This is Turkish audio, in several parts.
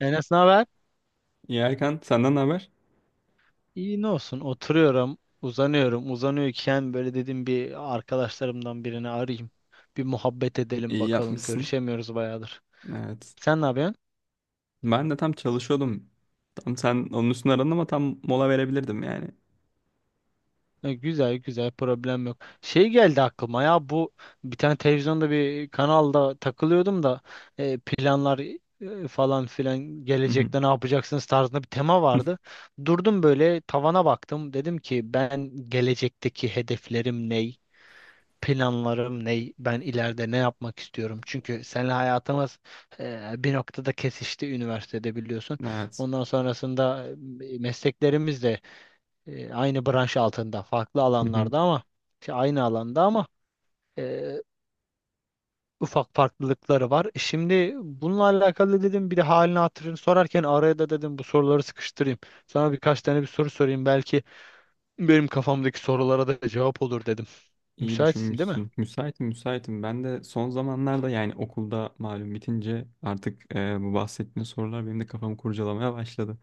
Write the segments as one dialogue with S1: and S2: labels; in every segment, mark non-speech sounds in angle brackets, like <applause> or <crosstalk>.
S1: Enes ne haber?
S2: İyi Erkan, senden ne haber?
S1: İyi ne olsun, oturuyorum, uzanıyorum, uzanıyorken böyle dedim bir arkadaşlarımdan birini arayayım. Bir muhabbet edelim
S2: İyi
S1: bakalım,
S2: yapmışsın.
S1: görüşemiyoruz bayağıdır.
S2: Evet.
S1: Sen ne yapıyorsun?
S2: Ben de tam çalışıyordum. Tam sen onun üstüne aradın ama tam mola verebilirdim yani.
S1: Güzel güzel, problem yok. Şey geldi aklıma ya, bu bir tane televizyonda bir kanalda takılıyordum da, planlar, falan filan,
S2: Hı hı.
S1: gelecekte ne yapacaksınız tarzında bir tema vardı. Durdum böyle tavana baktım, dedim ki ben gelecekteki hedeflerim ne? Planlarım ne, ben ileride ne yapmak istiyorum? Çünkü seninle hayatımız bir noktada kesişti üniversitede, biliyorsun.
S2: Evet.
S1: Ondan sonrasında mesleklerimiz de aynı branş altında, farklı
S2: Hı hı.
S1: alanlarda, ama aynı alanda, ama e, ufak farklılıkları var. Şimdi bununla alakalı dedim, bir de halini hatırını sorarken araya da dedim bu soruları sıkıştırayım. Sana birkaç tane bir soru sorayım, belki benim kafamdaki sorulara da cevap olur dedim.
S2: İyi
S1: Müsaitsin değil mi?
S2: düşünmüşsün. Müsaitim, müsaitim. Ben de son zamanlarda yani okulda malum bitince artık bu bahsettiğin sorular benim de kafamı kurcalamaya başladı.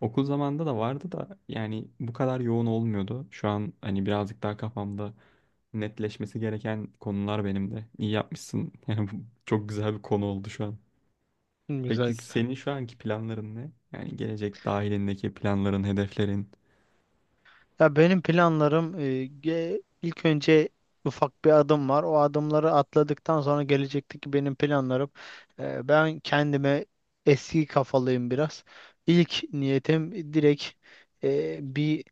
S2: Okul zamanında da vardı da yani bu kadar yoğun olmuyordu. Şu an hani birazcık daha kafamda netleşmesi gereken konular benim de. İyi yapmışsın. <laughs> Yani bu çok güzel bir konu oldu şu an.
S1: Güzel
S2: Peki
S1: güzel.
S2: senin şu anki planların ne? Yani gelecek dahilindeki planların, hedeflerin.
S1: Ya benim planlarım ilk önce ufak bir adım var. O adımları atladıktan sonra gelecekteki benim planlarım. Ben kendime, eski kafalıyım biraz. İlk niyetim direkt bir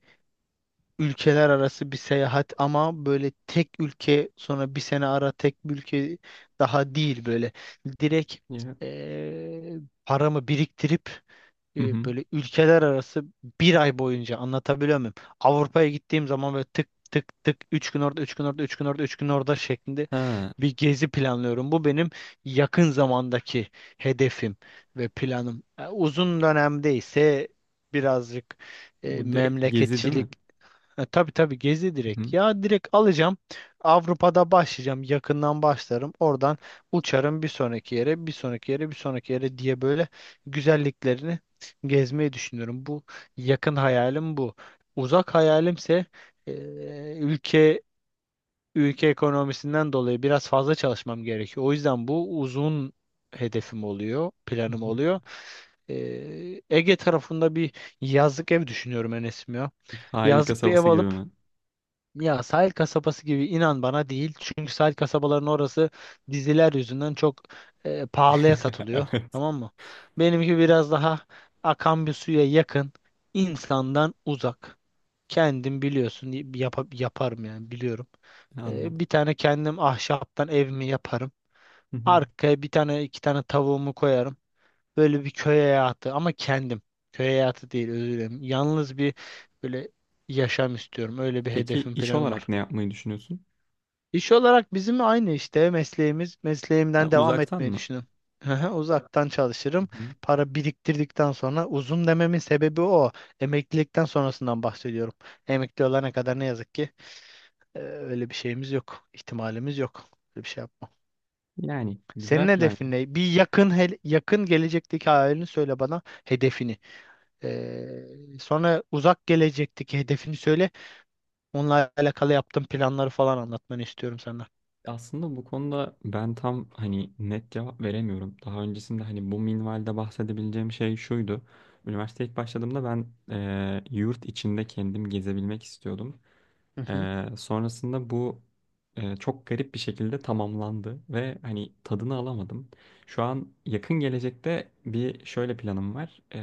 S1: ülkeler arası bir seyahat, ama böyle tek ülke sonra bir sene ara tek bir ülke daha değil böyle. Direkt
S2: Ya.
S1: e, paramı biriktirip
S2: Hı hı.
S1: böyle ülkeler arası bir ay boyunca, anlatabiliyor muyum? Avrupa'ya gittiğim zaman böyle tık tık tık, 3 gün orada, 3 gün orada, 3 gün orada, 3 gün orada şeklinde
S2: Ha,
S1: bir gezi planlıyorum. Bu benim yakın zamandaki hedefim ve planım. Uzun dönemde ise birazcık
S2: bu direkt gezi değil
S1: memleketçilik.
S2: mi?
S1: Tabii tabii, gezi
S2: Hı
S1: direkt.
S2: hı.
S1: Ya direkt alacağım. Avrupa'da başlayacağım. Yakından başlarım. Oradan uçarım bir sonraki yere, bir sonraki yere, bir sonraki yere diye böyle güzelliklerini gezmeyi düşünüyorum. Bu yakın hayalim bu. Uzak hayalimse e, ülke ülke ekonomisinden dolayı biraz fazla çalışmam gerekiyor. O yüzden bu uzun hedefim oluyor,
S2: Hı
S1: planım
S2: hı.
S1: oluyor. Ege tarafında bir yazlık ev düşünüyorum Enes'im ya.
S2: Sahil
S1: Yazlık bir ev
S2: kasabası gibi
S1: alıp,
S2: mi?
S1: ya sahil kasabası gibi inan bana değil. Çünkü sahil kasabaların orası diziler yüzünden çok pahalıya
S2: <laughs>
S1: satılıyor.
S2: Evet,
S1: Tamam mı? Benimki biraz daha akan bir suya yakın, insandan uzak. Kendim biliyorsun, yaparım, yani biliyorum.
S2: anladım.
S1: Bir tane kendim ahşaptan evimi yaparım.
S2: Hı hı.
S1: Arkaya bir tane, iki tane tavuğumu koyarım. Böyle bir köy hayatı, ama kendim. Köy hayatı değil, özür dilerim. Yalnız bir böyle yaşam istiyorum. Öyle bir
S2: Peki
S1: hedefim,
S2: iş
S1: planım var.
S2: olarak ne yapmayı düşünüyorsun?
S1: İş olarak bizim aynı işte mesleğimiz.
S2: Ha,
S1: Mesleğimden devam
S2: uzaktan
S1: etmeyi
S2: mı?
S1: düşünüyorum. Hı hı, uzaktan
S2: Hı
S1: çalışırım.
S2: hı.
S1: Para biriktirdikten sonra, uzun dememin sebebi o. Emeklilikten sonrasından bahsediyorum. Emekli olana kadar ne yazık ki öyle bir şeyimiz yok, ihtimalimiz yok. Öyle bir şey yapmam.
S2: Yani
S1: Senin
S2: güzel plan ya.
S1: hedefin ne? Bir yakın yakın gelecekteki hayalini söyle bana, hedefini. Sonra uzak gelecekteki hedefini söyle. Onunla alakalı yaptığın planları falan anlatmanı istiyorum senden.
S2: Aslında bu konuda ben tam hani net cevap veremiyorum. Daha öncesinde hani bu minvalde bahsedebileceğim şey şuydu. Üniversiteye ilk başladığımda ben yurt içinde kendim gezebilmek istiyordum. Sonrasında bu çok garip bir şekilde tamamlandı ve hani tadını alamadım. Şu an yakın gelecekte bir şöyle planım var.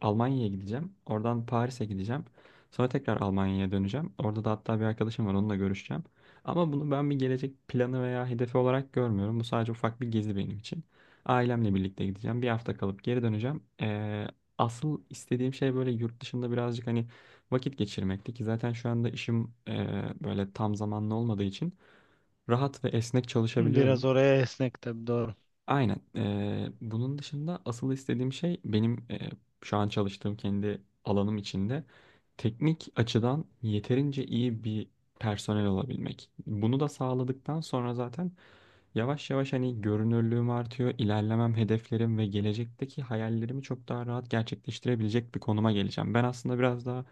S2: Almanya'ya gideceğim. Oradan Paris'e gideceğim. Sonra tekrar Almanya'ya döneceğim. Orada da hatta bir arkadaşım var onunla görüşeceğim. Ama bunu ben bir gelecek planı veya hedefi olarak görmüyorum. Bu sadece ufak bir gezi benim için. Ailemle birlikte gideceğim. Bir hafta kalıp geri döneceğim. Asıl istediğim şey böyle yurt dışında birazcık hani vakit geçirmekti ki zaten şu anda işim böyle tam zamanlı olmadığı için rahat ve esnek
S1: Biraz
S2: çalışabiliyorum.
S1: oraya esnek, tabii, doğru.
S2: Aynen. Bunun dışında asıl istediğim şey benim şu an çalıştığım kendi alanım içinde teknik açıdan yeterince iyi bir personel olabilmek. Bunu da sağladıktan sonra zaten yavaş yavaş hani görünürlüğüm artıyor, ilerlemem, hedeflerim ve gelecekteki hayallerimi çok daha rahat gerçekleştirebilecek bir konuma geleceğim. Ben aslında biraz daha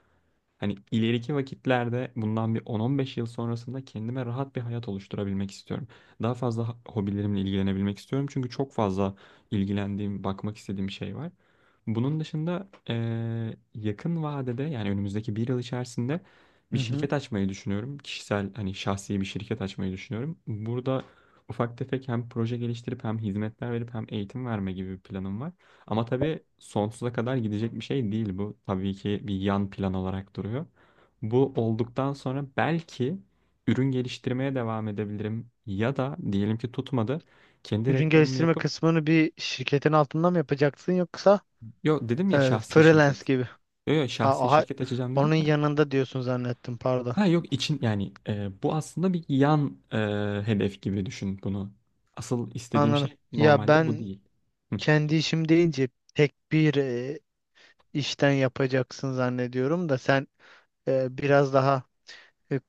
S2: hani ileriki vakitlerde bundan bir 10-15 yıl sonrasında kendime rahat bir hayat oluşturabilmek istiyorum. Daha fazla hobilerimle ilgilenebilmek istiyorum. Çünkü çok fazla ilgilendiğim, bakmak istediğim şey var. Bunun dışında yakın vadede yani önümüzdeki bir yıl içerisinde bir
S1: Hı hı.
S2: şirket açmayı düşünüyorum. Kişisel hani şahsi bir şirket açmayı düşünüyorum. Burada ufak tefek hem proje geliştirip hem hizmetler verip hem eğitim verme gibi bir planım var. Ama tabii sonsuza kadar gidecek bir şey değil bu. Tabii ki bir yan plan olarak duruyor. Bu olduktan sonra belki ürün geliştirmeye devam edebilirim. Ya da diyelim ki tutmadı. Kendi
S1: Ürün
S2: reklamımı
S1: geliştirme
S2: yapıp.
S1: kısmını bir şirketin altında mı yapacaksın, yoksa
S2: Yo dedim ya şahsi
S1: freelance
S2: şirket.
S1: gibi?
S2: Yo yo
S1: Ha,
S2: şahsi
S1: aha,
S2: şirket açacağım dedim
S1: onun
S2: ya.
S1: yanında diyorsun zannettim, pardon.
S2: Ha yok için yani bu aslında bir yan hedef gibi düşün bunu. Asıl istediğim
S1: Anladım.
S2: şey
S1: Ya
S2: normalde bu
S1: ben
S2: değil. Hı.
S1: kendi işim deyince tek bir işten yapacaksın zannediyorum, da sen biraz daha e,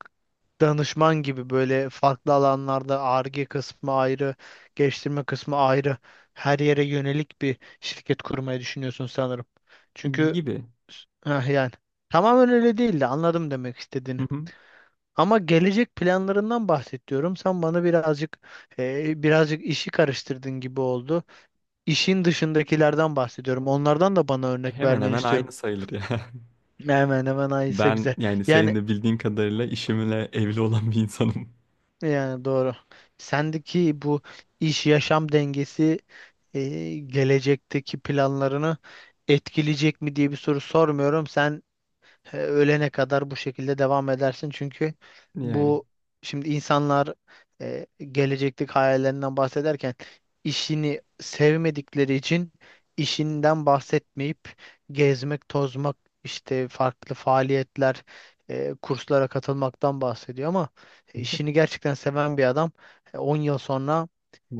S1: danışman gibi böyle farklı alanlarda, Ar-Ge kısmı ayrı, geliştirme kısmı ayrı, her yere yönelik bir şirket kurmayı düşünüyorsun sanırım. Çünkü
S2: Gibi.
S1: heh, yani tamamen öyle değildi, anladım demek
S2: Hı
S1: istediğini.
S2: hı.
S1: Ama gelecek planlarından bahsediyorum. Sen bana birazcık birazcık işi karıştırdın gibi oldu. İşin dışındakilerden bahsediyorum. Onlardan da bana örnek
S2: Hemen
S1: vermeni
S2: hemen
S1: istiyorum.
S2: aynı sayılır ya. <laughs>
S1: Hemen hemen aynısı,
S2: Ben
S1: güzel.
S2: yani senin
S1: Yani
S2: de bildiğin kadarıyla işimle evli olan bir insanım.
S1: yani doğru. Sendeki bu iş yaşam dengesi e, gelecekteki planlarını etkileyecek mi diye bir soru sormuyorum. Sen ölene kadar bu şekilde devam edersin. Çünkü
S2: Yani
S1: bu, şimdi insanlar e, gelecekteki hayallerinden bahsederken işini sevmedikleri için işinden bahsetmeyip gezmek, tozmak, işte farklı faaliyetler, kurslara katılmaktan bahsediyor, ama işini gerçekten seven bir adam 10 yıl sonra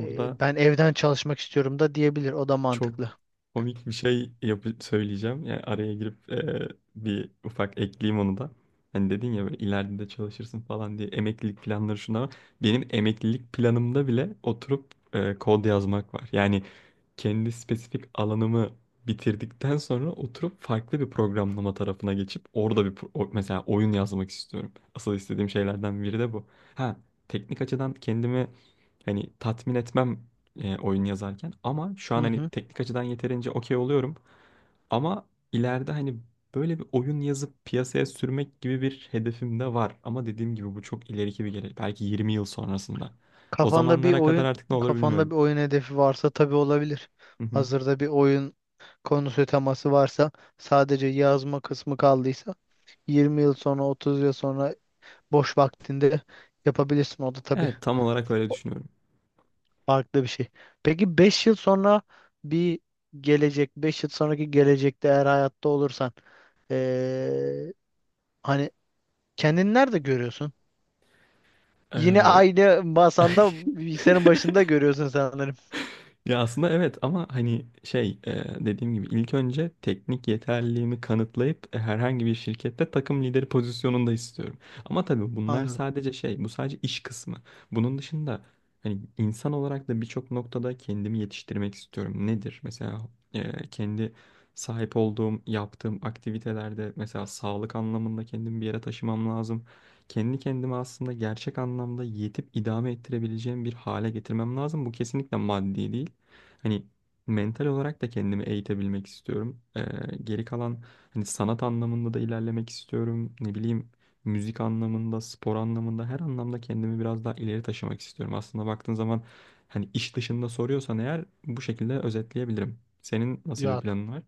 S1: ben evden çalışmak istiyorum da diyebilir. O da
S2: çok
S1: mantıklı.
S2: komik bir şey yapı söyleyeceğim. Yani araya girip bir ufak ekleyeyim onu da. Hani dedin ya böyle ileride de çalışırsın falan diye emeklilik planları şunlar var. Benim emeklilik planımda bile oturup kod yazmak var. Yani kendi spesifik alanımı bitirdikten sonra oturup farklı bir programlama tarafına geçip orada mesela oyun yazmak istiyorum. Asıl istediğim şeylerden biri de bu. Ha, teknik açıdan kendimi hani tatmin etmem oyun yazarken ama şu
S1: Hı
S2: an hani
S1: hı.
S2: teknik açıdan yeterince okey oluyorum ama ileride hani böyle bir oyun yazıp piyasaya sürmek gibi bir hedefim de var ama dediğim gibi bu çok ileriki bir gelecek. Belki 20 yıl sonrasında. O
S1: Kafanda bir
S2: zamanlara kadar
S1: oyun
S2: artık ne olur
S1: Kafanda
S2: bilmiyorum.
S1: bir oyun hedefi varsa tabii olabilir.
S2: Hı hı.
S1: Hazırda bir oyun konusu, teması varsa, sadece yazma kısmı kaldıysa, 20 yıl sonra, 30 yıl sonra boş vaktinde yapabilirsin. O da tabii
S2: Evet, tam olarak öyle düşünüyorum.
S1: farklı bir şey. Peki 5 yıl sonra bir gelecek, 5 yıl sonraki gelecekte eğer hayatta olursan eee, hani kendini nerede görüyorsun? Yine
S2: Ee,
S1: aynı
S2: <laughs> ay,
S1: masanda, bilgisayarın başında görüyorsun sanırım.
S2: ya aslında evet ama hani şey dediğim gibi ilk önce teknik yeterliliğimi kanıtlayıp herhangi bir şirkette takım lideri pozisyonunda istiyorum. Ama tabii bunlar
S1: Anladım.
S2: sadece şey bu sadece iş kısmı. Bunun dışında hani insan olarak da birçok noktada kendimi yetiştirmek istiyorum. Nedir? Mesela kendi sahip olduğum, yaptığım aktivitelerde mesela sağlık anlamında kendimi bir yere taşımam lazım. Kendi kendime aslında gerçek anlamda yetip idame ettirebileceğim bir hale getirmem lazım. Bu kesinlikle maddi değil. Hani mental olarak da kendimi eğitebilmek istiyorum. Geri kalan hani sanat anlamında da ilerlemek istiyorum. Ne bileyim müzik anlamında, spor anlamında her anlamda kendimi biraz daha ileri taşımak istiyorum. Aslında baktığın zaman hani iş dışında soruyorsan eğer bu şekilde özetleyebilirim. Senin nasıl bir
S1: Ya
S2: planın var?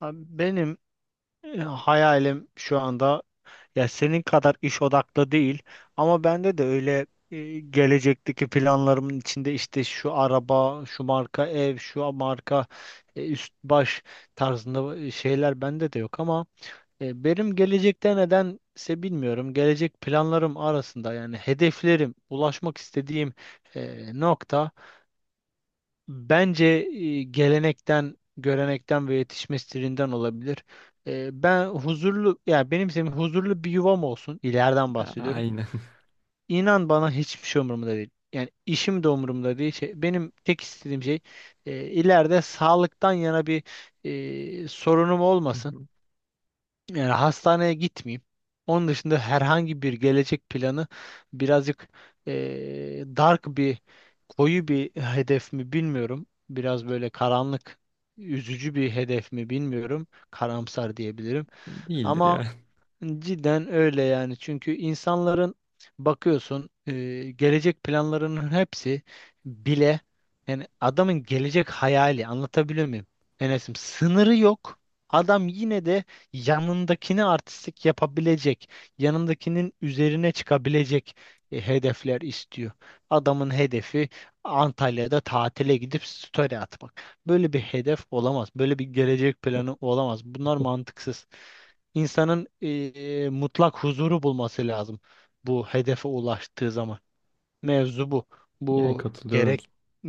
S1: abi, benim hayalim şu anda, ya senin kadar iş odaklı değil, ama bende de öyle gelecekteki planlarımın içinde işte şu araba, şu marka ev, şu marka üst baş tarzında şeyler bende de yok, ama benim gelecekte nedense, bilmiyorum. Gelecek planlarım arasında, yani hedeflerim, ulaşmak istediğim nokta, bence gelenekten, görenekten ve yetişme stilinden olabilir. Ben huzurlu, yani benim, senin huzurlu bir yuvam olsun. İleriden
S2: A-
S1: bahsediyorum.
S2: Aynen.
S1: İnan bana hiçbir şey umurumda değil. Yani işim de umurumda değil. Şey, benim tek istediğim şey ileride sağlıktan yana bir sorunum olmasın.
S2: <laughs>
S1: Yani hastaneye gitmeyeyim. Onun dışında herhangi bir gelecek planı birazcık dark bir, koyu bir hedef mi bilmiyorum. Biraz böyle karanlık, üzücü bir hedef mi bilmiyorum. Karamsar diyebilirim.
S2: Değildir
S1: Ama
S2: ya.
S1: cidden öyle yani. Çünkü insanların bakıyorsun gelecek planlarının hepsi bile, yani adamın gelecek hayali, anlatabiliyor muyum? Enes'im, sınırı yok. Adam yine de yanındakini artistik yapabilecek, yanındakinin üzerine çıkabilecek hedefler istiyor. Adamın hedefi Antalya'da tatile gidip story atmak. Böyle bir hedef olamaz. Böyle bir gelecek planı olamaz. Bunlar mantıksız. İnsanın mutlak huzuru bulması lazım bu hedefe ulaştığı zaman. Mevzu bu.
S2: Yani
S1: Bu
S2: katılıyorum.
S1: gerek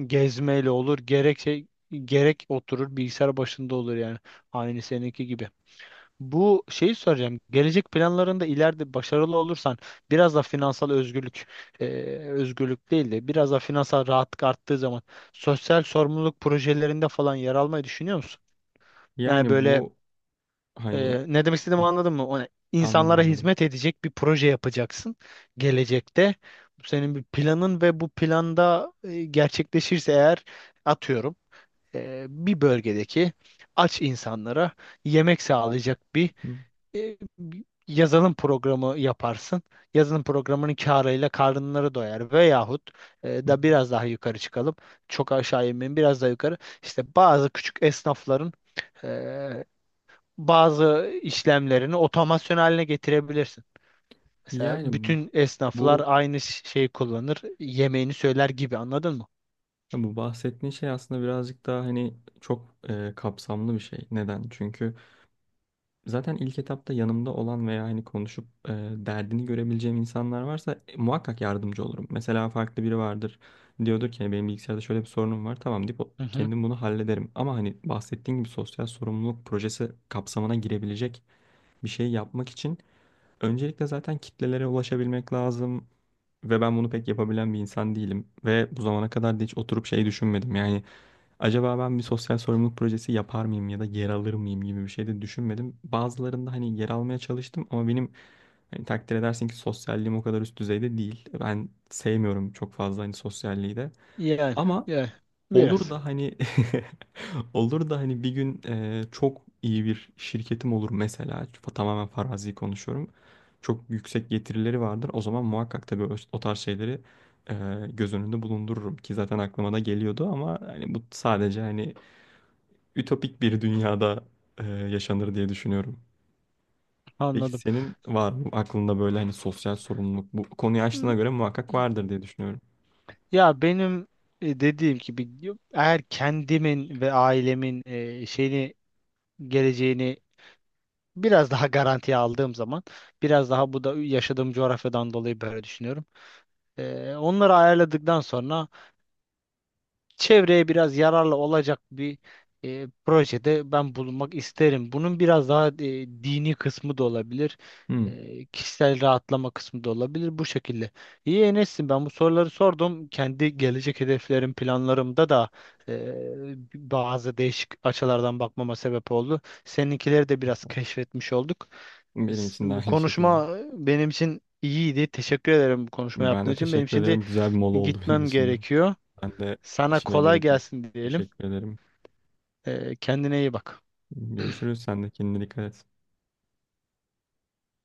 S1: gezmeyle olur, gerek şey, gerek oturur bilgisayar başında olur yani. Aynı seninki gibi. Bu şeyi soracağım. Gelecek planlarında ileride başarılı olursan, biraz da finansal özgürlük, e, özgürlük değil de biraz da finansal rahatlık arttığı zaman, sosyal sorumluluk projelerinde falan yer almayı düşünüyor musun? Yani
S2: Yani
S1: böyle,
S2: bu hani
S1: ne demek istediğimi anladın mı? O ne?
S2: anladım,
S1: İnsanlara
S2: anladım.
S1: hizmet edecek bir proje yapacaksın gelecekte. Bu senin bir planın ve bu planda gerçekleşirse eğer, atıyorum, bir bölgedeki aç insanlara yemek sağlayacak bir bir yazılım programı yaparsın. Yazılım programının karıyla karınları doyar, veyahut da
S2: <laughs>
S1: biraz daha yukarı çıkalım. Çok aşağı inmeyin, biraz daha yukarı. İşte bazı küçük esnafların e, bazı işlemlerini otomasyon haline getirebilirsin. Mesela
S2: Yani
S1: bütün esnaflar
S2: bu
S1: aynı şeyi kullanır, yemeğini söyler gibi, anladın mı?
S2: ya bu bahsettiğin şey aslında birazcık daha hani çok kapsamlı bir şey. Neden? Çünkü zaten ilk etapta yanımda olan veya hani konuşup derdini görebileceğim insanlar varsa muhakkak yardımcı olurum. Mesela farklı biri vardır. Diyordur ki "Hani benim bilgisayarda şöyle bir sorunum var. Tamam deyip
S1: Hı hı.
S2: kendim bunu hallederim. Ama hani bahsettiğin gibi sosyal sorumluluk projesi kapsamına girebilecek bir şey yapmak için öncelikle zaten kitlelere ulaşabilmek lazım. Ve ben bunu pek yapabilen bir insan değilim. Ve bu zamana kadar da hiç oturup şey düşünmedim. Yani acaba ben bir sosyal sorumluluk projesi yapar mıyım ya da yer alır mıyım gibi bir şey de düşünmedim. Bazılarında hani yer almaya çalıştım ama benim hani takdir edersin ki sosyalliğim o kadar üst düzeyde değil. Ben sevmiyorum çok fazla hani sosyalliği de.
S1: Yani,
S2: Ama
S1: yani
S2: olur
S1: biraz
S2: da hani <laughs> olur da hani bir gün çok iyi bir şirketim olur mesela tamamen farazi konuşuyorum. Çok yüksek getirileri vardır. O zaman muhakkak tabii o tarz şeyleri e, göz önünde bulundururum ki zaten aklıma da geliyordu ama hani bu sadece hani ütopik bir dünyada yaşanır diye düşünüyorum. Peki
S1: anladım.
S2: senin var mı aklında böyle hani sosyal sorumluluk bu konuyu açtığına
S1: Hı,
S2: göre muhakkak vardır diye düşünüyorum.
S1: ya benim dediğim gibi, eğer kendimin ve ailemin şeyini, geleceğini biraz daha <laughs> garantiye aldığım zaman, biraz daha, bu da yaşadığım coğrafyadan dolayı böyle düşünüyorum. Onları ayarladıktan sonra çevreye biraz yararlı olacak bir projede ben bulunmak isterim. Bunun biraz daha dini kısmı da olabilir.
S2: Hmm,
S1: Kişisel rahatlama kısmı da olabilir bu şekilde. İyi Enes'im, ben bu soruları sordum. Kendi gelecek hedeflerim, planlarımda da e, bazı değişik açılardan bakmama sebep oldu. Seninkileri de biraz keşfetmiş olduk.
S2: benim için de
S1: Bu
S2: aynı şekilde.
S1: konuşma benim için iyiydi. Teşekkür ederim bu konuşma
S2: Ben
S1: yaptığın
S2: de
S1: için. Benim
S2: teşekkür
S1: şimdi
S2: ederim. Güzel bir mola oldu <laughs> benim
S1: gitmem
S2: için de.
S1: gerekiyor.
S2: Ben de
S1: Sana
S2: işime
S1: kolay
S2: geri döneyim.
S1: gelsin diyelim.
S2: Teşekkür ederim.
S1: Kendine iyi bak.
S2: Görüşürüz. Sen de kendine dikkat et.